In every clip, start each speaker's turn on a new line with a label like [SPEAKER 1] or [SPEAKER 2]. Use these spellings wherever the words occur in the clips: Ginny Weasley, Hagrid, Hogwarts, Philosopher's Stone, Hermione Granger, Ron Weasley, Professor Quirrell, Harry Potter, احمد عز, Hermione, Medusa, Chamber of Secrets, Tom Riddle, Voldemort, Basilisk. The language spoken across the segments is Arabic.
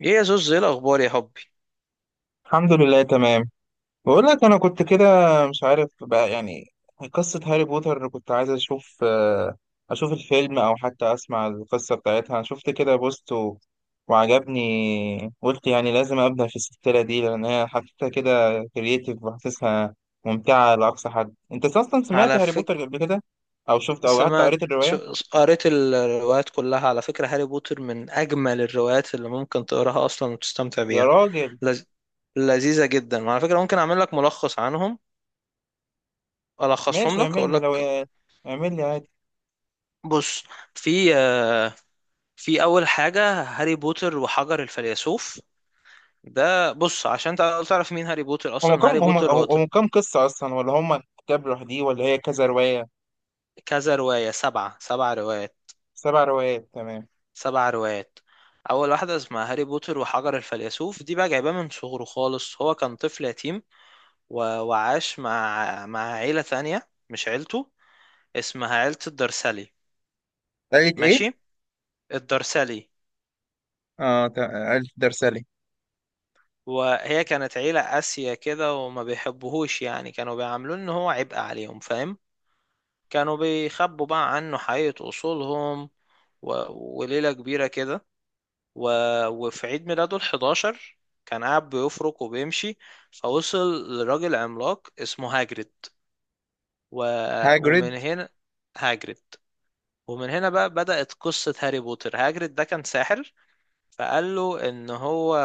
[SPEAKER 1] ايه يا زوز، ايه الاخبار يا حبي؟
[SPEAKER 2] الحمد لله، تمام. بقول لك انا كنت كده، مش عارف بقى يعني. قصة هاري بوتر، كنت عايز اشوف الفيلم او حتى اسمع القصة بتاعتها. شفت كده بوست وعجبني، قلت يعني لازم ابدا في السلسلة دي، لان هي حطيتها كده كرييتيف وحاسسها ممتعة لاقصى حد. انت اصلا سمعت
[SPEAKER 1] على
[SPEAKER 2] هاري
[SPEAKER 1] فكرة
[SPEAKER 2] بوتر قبل كده او شفت او حتى
[SPEAKER 1] سمعت
[SPEAKER 2] قريت الرواية؟
[SPEAKER 1] شو... قريت الروايات كلها، على فكرة هاري بوتر من اجمل الروايات اللي ممكن تقراها اصلا وتستمتع
[SPEAKER 2] يا
[SPEAKER 1] بيها.
[SPEAKER 2] راجل.
[SPEAKER 1] لز... لذيذة جدا، وعلى فكرة ممكن اعمل لك ملخص عنهم، الخصهم
[SPEAKER 2] ماشي،
[SPEAKER 1] لك،
[SPEAKER 2] اعمل
[SPEAKER 1] اقول
[SPEAKER 2] لي لو،
[SPEAKER 1] لك.
[SPEAKER 2] اعمل لي.
[SPEAKER 1] بص، في في اول حاجة هاري بوتر وحجر الفيلسوف، ده بص عشان تعرف مين هاري بوتر
[SPEAKER 2] هم
[SPEAKER 1] اصلا.
[SPEAKER 2] كم
[SPEAKER 1] هاري
[SPEAKER 2] هم
[SPEAKER 1] بوتر هو
[SPEAKER 2] هم كم قصة أصلا؟ ولا هم كتاب لوحديه، ولا هي كذا رواية؟
[SPEAKER 1] كذا رواية سبع روايات،
[SPEAKER 2] سبع روايات، تمام.
[SPEAKER 1] سبع روايات اول واحده اسمها هاري بوتر وحجر الفيلسوف. دي بقى جايباه من صغره خالص، هو كان طفل يتيم. وعاش مع عيله ثانيه مش عيلته، اسمها عيله الدرسالي.
[SPEAKER 2] قالت
[SPEAKER 1] ماشي،
[SPEAKER 2] إيه؟
[SPEAKER 1] الدرسالي.
[SPEAKER 2] آه، ألف درسالي.
[SPEAKER 1] وهي كانت عيله قاسيه كده وما بيحبوهوش، يعني كانوا بيعاملوه ان هو عبء عليهم، فاهم. كانوا بيخبوا بقى عنه حقيقه اصولهم. و... وليله كبيره كده. و... وفي عيد ميلاده ال11 كان قاعد بيفرك وبيمشي، فوصل لراجل عملاق اسمه هاجريد. و... ومن
[SPEAKER 2] هاجريد.
[SPEAKER 1] هنا هاجريد، ومن هنا بقى بدأت قصة هاري بوتر. هاجريد ده كان ساحر، فقال له ان هو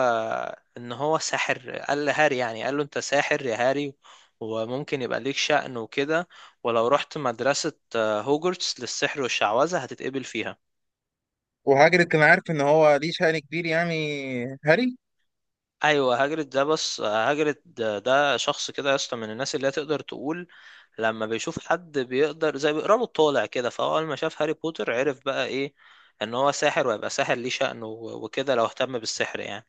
[SPEAKER 1] ان هو ساحر، قال لهاري يعني، قال له انت ساحر يا هاري وممكن يبقى ليك شأن وكده، ولو رحت مدرسة هوجورتس للسحر والشعوذة هتتقبل فيها.
[SPEAKER 2] وهاجريد كان عارف إن هو ليه شأن كبير يعني؟ هاري.
[SPEAKER 1] ايوه، هاجرد ده شخص كده يا اسطى، من الناس اللي هي تقدر تقول لما بيشوف حد بيقدر، زي بيقرا له الطالع كده. فهو اول ما شاف هاري بوتر عرف بقى ايه، ان هو ساحر ويبقى ساحر ليه شأن وكده لو اهتم بالسحر يعني.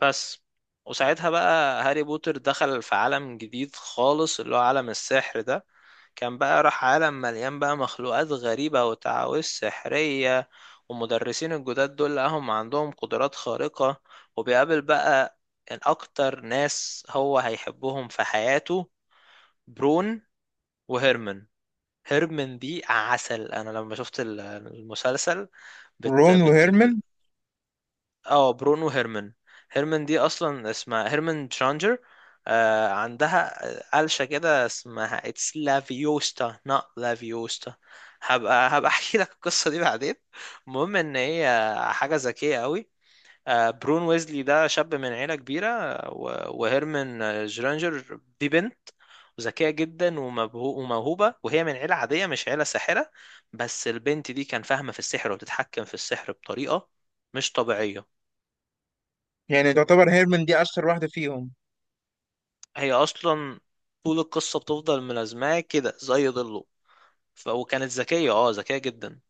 [SPEAKER 1] بس، وساعتها بقى هاري بوتر دخل في عالم جديد خالص اللي هو عالم السحر ده، كان بقى راح عالم مليان بقى مخلوقات غريبة وتعاويذ سحرية، ومدرسين الجداد دول لقاهم عندهم قدرات خارقة. وبيقابل بقى إن أكتر ناس هو هيحبهم في حياته، برون وهيرمن. هيرمن دي عسل، أنا لما شفت المسلسل، بت
[SPEAKER 2] رون
[SPEAKER 1] بت
[SPEAKER 2] وهيرمن.
[SPEAKER 1] اه برونو هيرمان. هيرمان دي اصلا اسمها هيرمان ترانجر، آه عندها قلشة كده اسمها اتس لافيوستا not لافيوستا، هبقى احكي لك القصة دي بعدين. المهم ان هي حاجة ذكية قوي. آه برون ويزلي ده شاب من عيلة كبيرة، وهيرمان جرانجر دي بنت ذكية جدا وموهوبة، وهي من عيلة عادية مش عيلة ساحرة. بس البنت دي كان فاهمة في السحر وتتحكم في السحر بطريقة مش طبيعية.
[SPEAKER 2] يعني تعتبر هيرمن دي أشهر واحدة فيهم؟
[SPEAKER 1] هي اصلا طول القصه بتفضل ملازماه كده زي ظله. وكانت ذكيه، اه ذكيه جدا.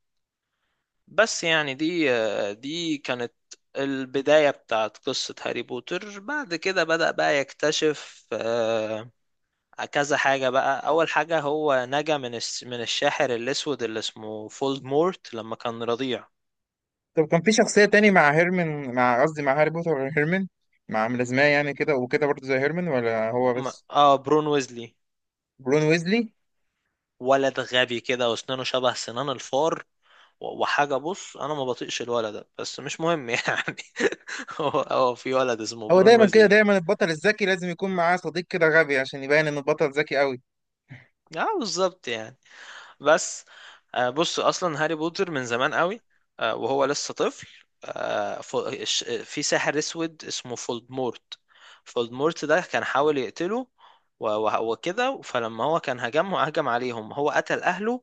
[SPEAKER 1] بس يعني دي كانت البدايه بتاعت قصه هاري بوتر. بعد كده بدأ بقى يكتشف كذا حاجه بقى، اول حاجه هو نجا من الشاحر الاسود اللي اسمه فولدمورت لما كان رضيع.
[SPEAKER 2] طب كان في شخصية تاني مع هيرمن، مع قصدي، مع هاري بوتر غير هيرمن، مع ملازماه يعني كده وكده برضه زي هيرمن ولا هو بس؟
[SPEAKER 1] اه برون ويزلي
[SPEAKER 2] برون ويزلي.
[SPEAKER 1] ولد غبي كده واسنانه شبه سنان الفار، وحاجة، بص أنا ما بطيقش الولد ده بس مش مهم يعني. هو في ولد اسمه
[SPEAKER 2] هو
[SPEAKER 1] برون
[SPEAKER 2] دايما كده،
[SPEAKER 1] ويزلي.
[SPEAKER 2] دايما البطل الذكي لازم يكون معاه صديق كده غبي عشان يبين إن البطل ذكي أوي.
[SPEAKER 1] اه بالظبط يعني. بس بص أصلا هاري بوتر من زمان قوي، وهو لسه طفل، في ساحر أسود اسمه فولدمورت. فولدمورت ده كان حاول يقتله وكده، فلما هو كان هجم عليهم هو قتل أهله،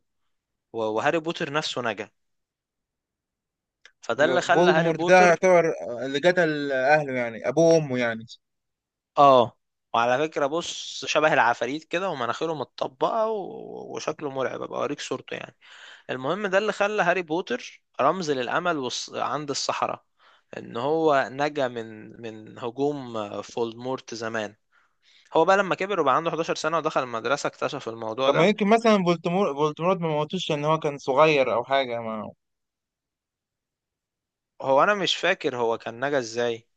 [SPEAKER 1] وهاري بوتر نفسه نجا. فده اللي
[SPEAKER 2] يبقى
[SPEAKER 1] خلى هاري
[SPEAKER 2] فولدمورت ده
[SPEAKER 1] بوتر،
[SPEAKER 2] يعتبر اللي قتل اهله، يعني ابوه وامه يعني.
[SPEAKER 1] اه وعلى فكرة، بص شبه العفاريت كده ومناخيره متطبقة وشكله مرعب، ابقى اوريك صورته يعني. المهم ده اللي خلى هاري بوتر رمز للأمل عند السحرة، ان هو نجا من هجوم فولدمورت زمان. هو بقى لما كبر وبقى عنده 11 سنة ودخل المدرسة اكتشف الموضوع
[SPEAKER 2] طب ما
[SPEAKER 1] ده.
[SPEAKER 2] يمكن مثلا فولتمورت ما موتوش ان هو كان صغير او حاجه ما؟
[SPEAKER 1] هو انا مش فاكر هو كان نجا ازاي،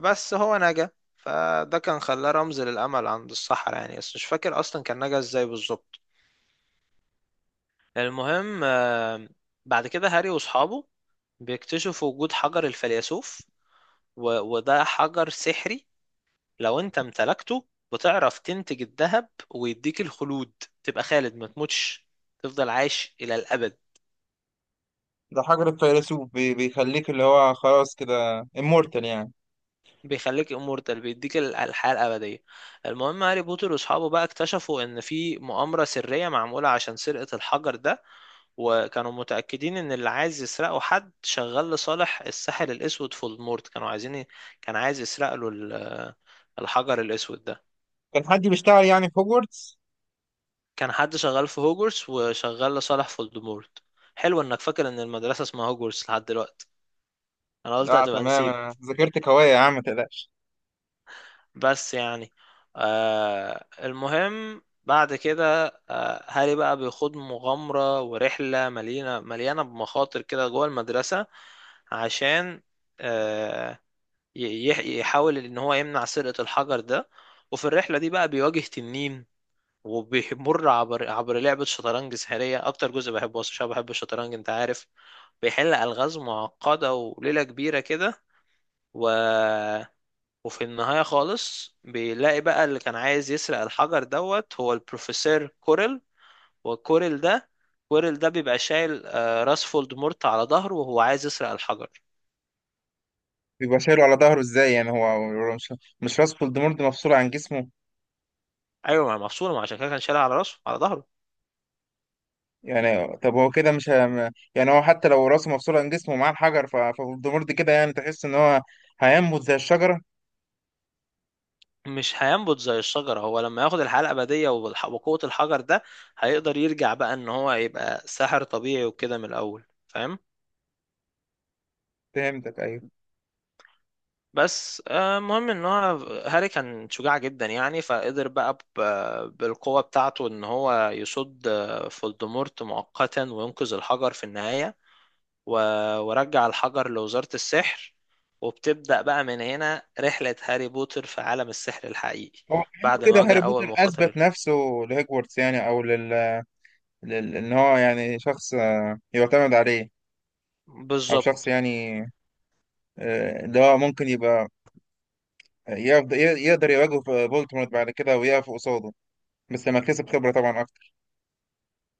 [SPEAKER 1] بس هو نجا. فده كان خلاه رمز للأمل عند السحرة يعني، بس مش فاكر اصلا كان نجا ازاي بالظبط. المهم بعد كده هاري واصحابه بيكتشفوا وجود حجر الفيلسوف، وده حجر سحري، لو انت امتلكته بتعرف تنتج الذهب ويديك الخلود، تبقى خالد ما تموتش، تفضل عايش الى الابد.
[SPEAKER 2] ده حجر الفيلسوف بيخليك اللي هو خلاص كده امورتال يعني.
[SPEAKER 1] بيخليك امورتال، بيديك الحياة الابدية. المهم هاري بوتر واصحابه بقى اكتشفوا ان في مؤامرة سرية معمولة عشان سرقة الحجر ده، وكانوا متأكدين ان اللي عايز يسرقه حد شغال لصالح الساحر الاسود. في المورد كانوا عايزين كان عايز يسرق له الحجر الاسود ده.
[SPEAKER 2] كان حد بيشتغل يعني في هوجورتس؟
[SPEAKER 1] كان حد شغال في هوجورس وشغال لصالح فولدمورت. حلو انك فاكر ان المدرسة اسمها هوجورس لحد دلوقتي، انا قلت
[SPEAKER 2] لا،
[SPEAKER 1] هتبقى
[SPEAKER 2] تمام،
[SPEAKER 1] نسيت.
[SPEAKER 2] انا ذاكرتك قويه يا عم، ما تقلقش.
[SPEAKER 1] بس يعني، آه المهم بعد كده آه هاري بقى بيخوض مغامرة ورحلة مليانة مليانة بمخاطر كده جوه المدرسة عشان آه، يحاول ان هو يمنع سرقة الحجر ده. وفي الرحلة دي بقى بيواجه تنين وبيمر عبر لعبة شطرنج سحرية، أكتر جزء بحبه أصلا عشان بحب الشطرنج أنت عارف. بيحل ألغاز معقدة وليلة كبيرة كده. و... وفي النهاية خالص بيلاقي بقى اللي كان عايز يسرق الحجر دوت، هو البروفيسور كوريل. وكوريل ده كوريل ده بيبقى شايل راس فولدمورت على ظهره، وهو عايز يسرق الحجر.
[SPEAKER 2] بيبقى شايله على ظهره ازاي يعني؟ هو مش راس فولدمورت مفصول عن جسمه.
[SPEAKER 1] أيوة، ما هي مفصولة، ما عشان كده كان شايلها على راسه على ظهره.
[SPEAKER 2] يعني طب هو كده مش، يعني هو حتى لو راسه مفصول عن جسمه ومعاه الحجر، ففولدمورت كده يعني تحس ان هو هينبت زي الشجره.
[SPEAKER 1] مش هينبت زي الشجرة، هو لما ياخد الحياة الأبدية وقوة الحجر ده هيقدر يرجع بقى إن هو يبقى ساحر طبيعي وكده من الأول، فاهم.
[SPEAKER 2] فهمتك، ايوه.
[SPEAKER 1] بس المهم إن هو هاري كان شجاع جدا يعني، فقدر بقى بالقوة بتاعته إن هو يصد فولدمورت مؤقتا وينقذ الحجر في النهاية، ورجع الحجر لوزارة السحر. وبتبدأ بقى من هنا رحلة هاري بوتر في عالم السحر الحقيقي
[SPEAKER 2] هو كأنه
[SPEAKER 1] بعد
[SPEAKER 2] كده
[SPEAKER 1] ما واجه
[SPEAKER 2] هاري
[SPEAKER 1] أول
[SPEAKER 2] بوتر اثبت
[SPEAKER 1] مخاطر.
[SPEAKER 2] نفسه. لهجورتس يعني، او ان هو يعني شخص، يعتمد عليه. او شخص
[SPEAKER 1] بالظبط،
[SPEAKER 2] يعني، اللي هو ممكن يبقى يقدر يواجه في فولتمورت بعد كده ويقف قصاده، بس لما كسب خبرة طبعا اكتر.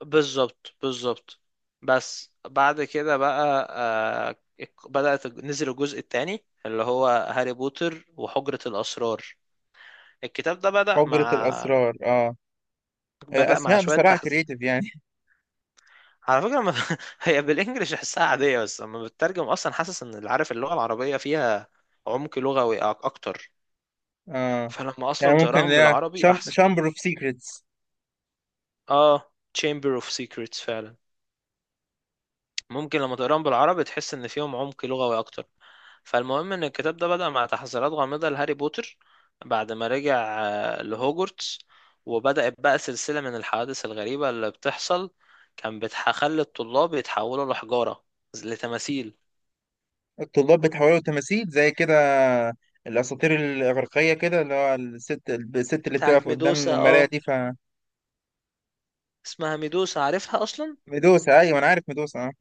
[SPEAKER 1] بالظبط، بالظبط. بس بعد كده بقى بدأت نزل الجزء الثاني اللي هو هاري بوتر وحجرة الأسرار. الكتاب ده
[SPEAKER 2] حجرة الاسرار، اه.
[SPEAKER 1] بدأ مع
[SPEAKER 2] اسماء بصراحة كريتيف يعني.
[SPEAKER 1] على فكرة ما... هي بالإنجلش أحسها عادية، بس لما بتترجم أصلا حاسس إن اللي عارف اللغة العربية فيها عمق لغوي أكتر.
[SPEAKER 2] اه.
[SPEAKER 1] فلما
[SPEAKER 2] يعني
[SPEAKER 1] أصلا
[SPEAKER 2] ممكن اللي
[SPEAKER 1] تقراهم
[SPEAKER 2] هي
[SPEAKER 1] بالعربي أحسن.
[SPEAKER 2] شامبر اوف سيكريتس.
[SPEAKER 1] آه Chamber of Secrets فعلا. ممكن لما تقراهم بالعربي تحس ان فيهم عمق لغوي اكتر. فالمهم ان الكتاب ده بدأ مع تحذيرات غامضة لهاري بوتر بعد ما رجع لهوجورتس، وبدأت بقى سلسلة من الحوادث الغريبة اللي بتحصل، كان بتخلي الطلاب يتحولوا لحجارة، لتماثيل
[SPEAKER 2] الطلاب بيتحولوا تماثيل زي كده الأساطير الإغريقية كده، اللي هو الست اللي
[SPEAKER 1] بتاعت
[SPEAKER 2] بتقف قدام
[SPEAKER 1] ميدوسا.
[SPEAKER 2] المراية
[SPEAKER 1] اه
[SPEAKER 2] دي
[SPEAKER 1] اسمها ميدوسا عارفها اصلا.
[SPEAKER 2] ميدوسا. أيوة، أنا عارف ميدوسا.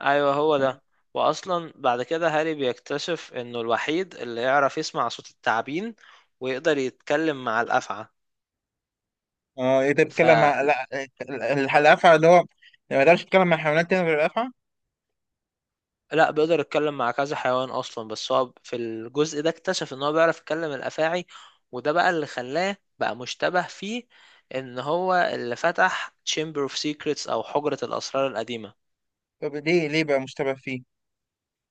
[SPEAKER 1] ايوه هو
[SPEAKER 2] أه.
[SPEAKER 1] ده. واصلا بعد كده هاري بيكتشف انه الوحيد اللي يعرف يسمع صوت التعابين ويقدر يتكلم مع الافعى.
[SPEAKER 2] أه، أنت
[SPEAKER 1] ف،
[SPEAKER 2] بتتكلم مع، لا، ال- الأفعى؟ اللي هو ما يقدرش يتكلم مع حيوانات تانية غير الأفعى؟
[SPEAKER 1] لا بيقدر يتكلم مع كذا حيوان اصلا بس هو في الجزء ده اكتشف ان هو بيعرف يتكلم الافاعي، وده بقى اللي خلاه بقى مشتبه فيه، ان هو اللي فتح Chamber of Secrets او حجرة الاسرار القديمة.
[SPEAKER 2] طب ليه بقى مشتبه فيه؟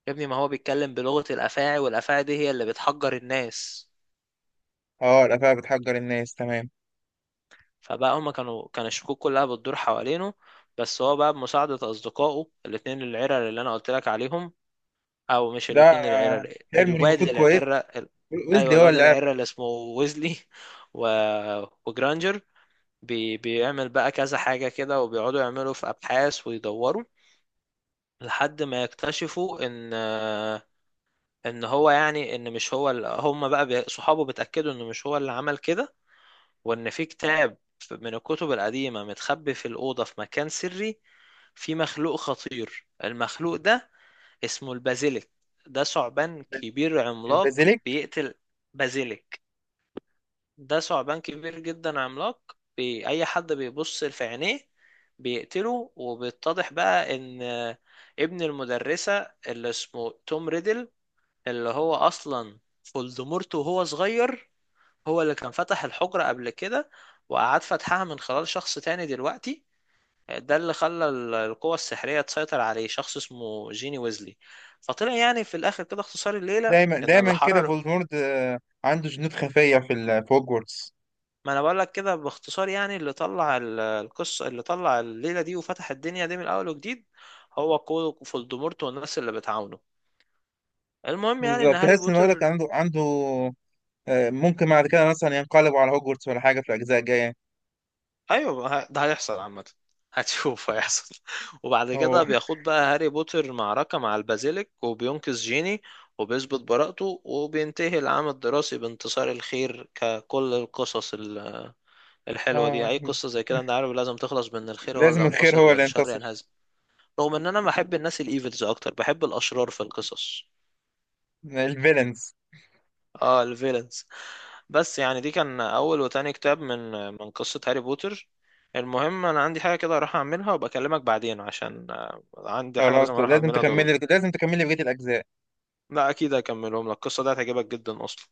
[SPEAKER 1] يا ابني ما هو بيتكلم بلغة الافاعي والافاعي دي هي اللي بتحجر الناس.
[SPEAKER 2] أه، الأفعى بتحجر الناس، تمام.
[SPEAKER 1] فبقى هما كانوا كان الشكوك كلها بتدور حوالينه. بس هو بقى بمساعدة أصدقائه الاتنين العرق اللي أنا قلت لك عليهم، او مش
[SPEAKER 2] ده،
[SPEAKER 1] الاتنين العيرة
[SPEAKER 2] هيرموني
[SPEAKER 1] الواد
[SPEAKER 2] المفروض كويس،
[SPEAKER 1] العيرة ايوه
[SPEAKER 2] ويزلي هو
[SPEAKER 1] الواد
[SPEAKER 2] اللي عارف.
[SPEAKER 1] العيرة اللي اسمه ويزلي و... وجرانجر. بيعمل بقى كذا حاجة كده وبيقعدوا يعملوا في ابحاث ويدوروا لحد ما يكتشفوا ان، ان هو يعني، ان مش هو هم بقى صحابه بيتأكدوا انه مش هو اللي عمل كده، وان في كتاب من الكتب القديمة متخبي في الأوضة في مكان سري، في مخلوق خطير، المخلوق ده اسمه البازيليك، ده ثعبان كبير عملاق
[SPEAKER 2] البازيليك.
[SPEAKER 1] بيقتل. بازيليك ده ثعبان كبير جدا عملاق اي حد بيبص في عينيه بيقتله. وبيتضح بقى ان ابن المدرسة اللي اسمه توم ريدل، اللي هو اصلا فولدمورت وهو صغير، هو اللي كان فتح الحجرة قبل كده، وقعد فتحها من خلال شخص تاني دلوقتي. ده اللي خلى القوة السحرية تسيطر عليه، شخص اسمه جيني ويزلي. فطلع يعني في الآخر كده، اختصار الليلة
[SPEAKER 2] دايما
[SPEAKER 1] إن
[SPEAKER 2] دايما
[SPEAKER 1] اللي
[SPEAKER 2] كده
[SPEAKER 1] حرر،
[SPEAKER 2] فولدمورت، عنده جنود خفية في هوجورتس.
[SPEAKER 1] ما أنا بقول لك كده باختصار يعني، اللي طلع القصة اللي طلع الليلة دي وفتح الدنيا دي من أول وجديد، هو كولو فولدمورت والناس اللي بتعاونه. المهم يعني إن
[SPEAKER 2] بالظبط،
[SPEAKER 1] هاري
[SPEAKER 2] تحس إن هو لك
[SPEAKER 1] بوتر،
[SPEAKER 2] عنده، عنده، ممكن بعد كده مثلا ينقلبوا على هوجورتس ولا حاجة في الأجزاء الجاية؟
[SPEAKER 1] ايوه ما ه- ده هيحصل عامه، هتشوف هيحصل وبعد
[SPEAKER 2] هو.
[SPEAKER 1] كده بياخد بقى هاري بوتر معركة مع البازيليك وبينقذ جيني وبيثبت براءته، وبينتهي العام الدراسي بانتصار الخير ككل القصص الحلوة
[SPEAKER 2] آه،
[SPEAKER 1] دي. أي قصة زي كده أنت عارف لازم تخلص بأن الخير هو اللي
[SPEAKER 2] لازم الخير
[SPEAKER 1] ينتصر
[SPEAKER 2] هو اللي
[SPEAKER 1] والشر
[SPEAKER 2] ينتصر.
[SPEAKER 1] ينهزم. رغم إن أنا بحب الناس الإيفلز أكتر، بحب الأشرار في القصص.
[SPEAKER 2] الفيلنز.
[SPEAKER 1] اه الفيلنز. بس يعني دي كان اول وتاني كتاب من قصة هاري بوتر. المهم انا عندي حاجة كده اروح اعملها وبكلمك بعدين، عشان عندي حاجة لازم
[SPEAKER 2] خلاص،
[SPEAKER 1] اروح
[SPEAKER 2] لازم
[SPEAKER 1] اعملها ضروري.
[SPEAKER 2] تكملي لازم تكملي بقية الأجزاء.
[SPEAKER 1] لا اكيد هكملهم لك، القصة دي هتعجبك جدا اصلا.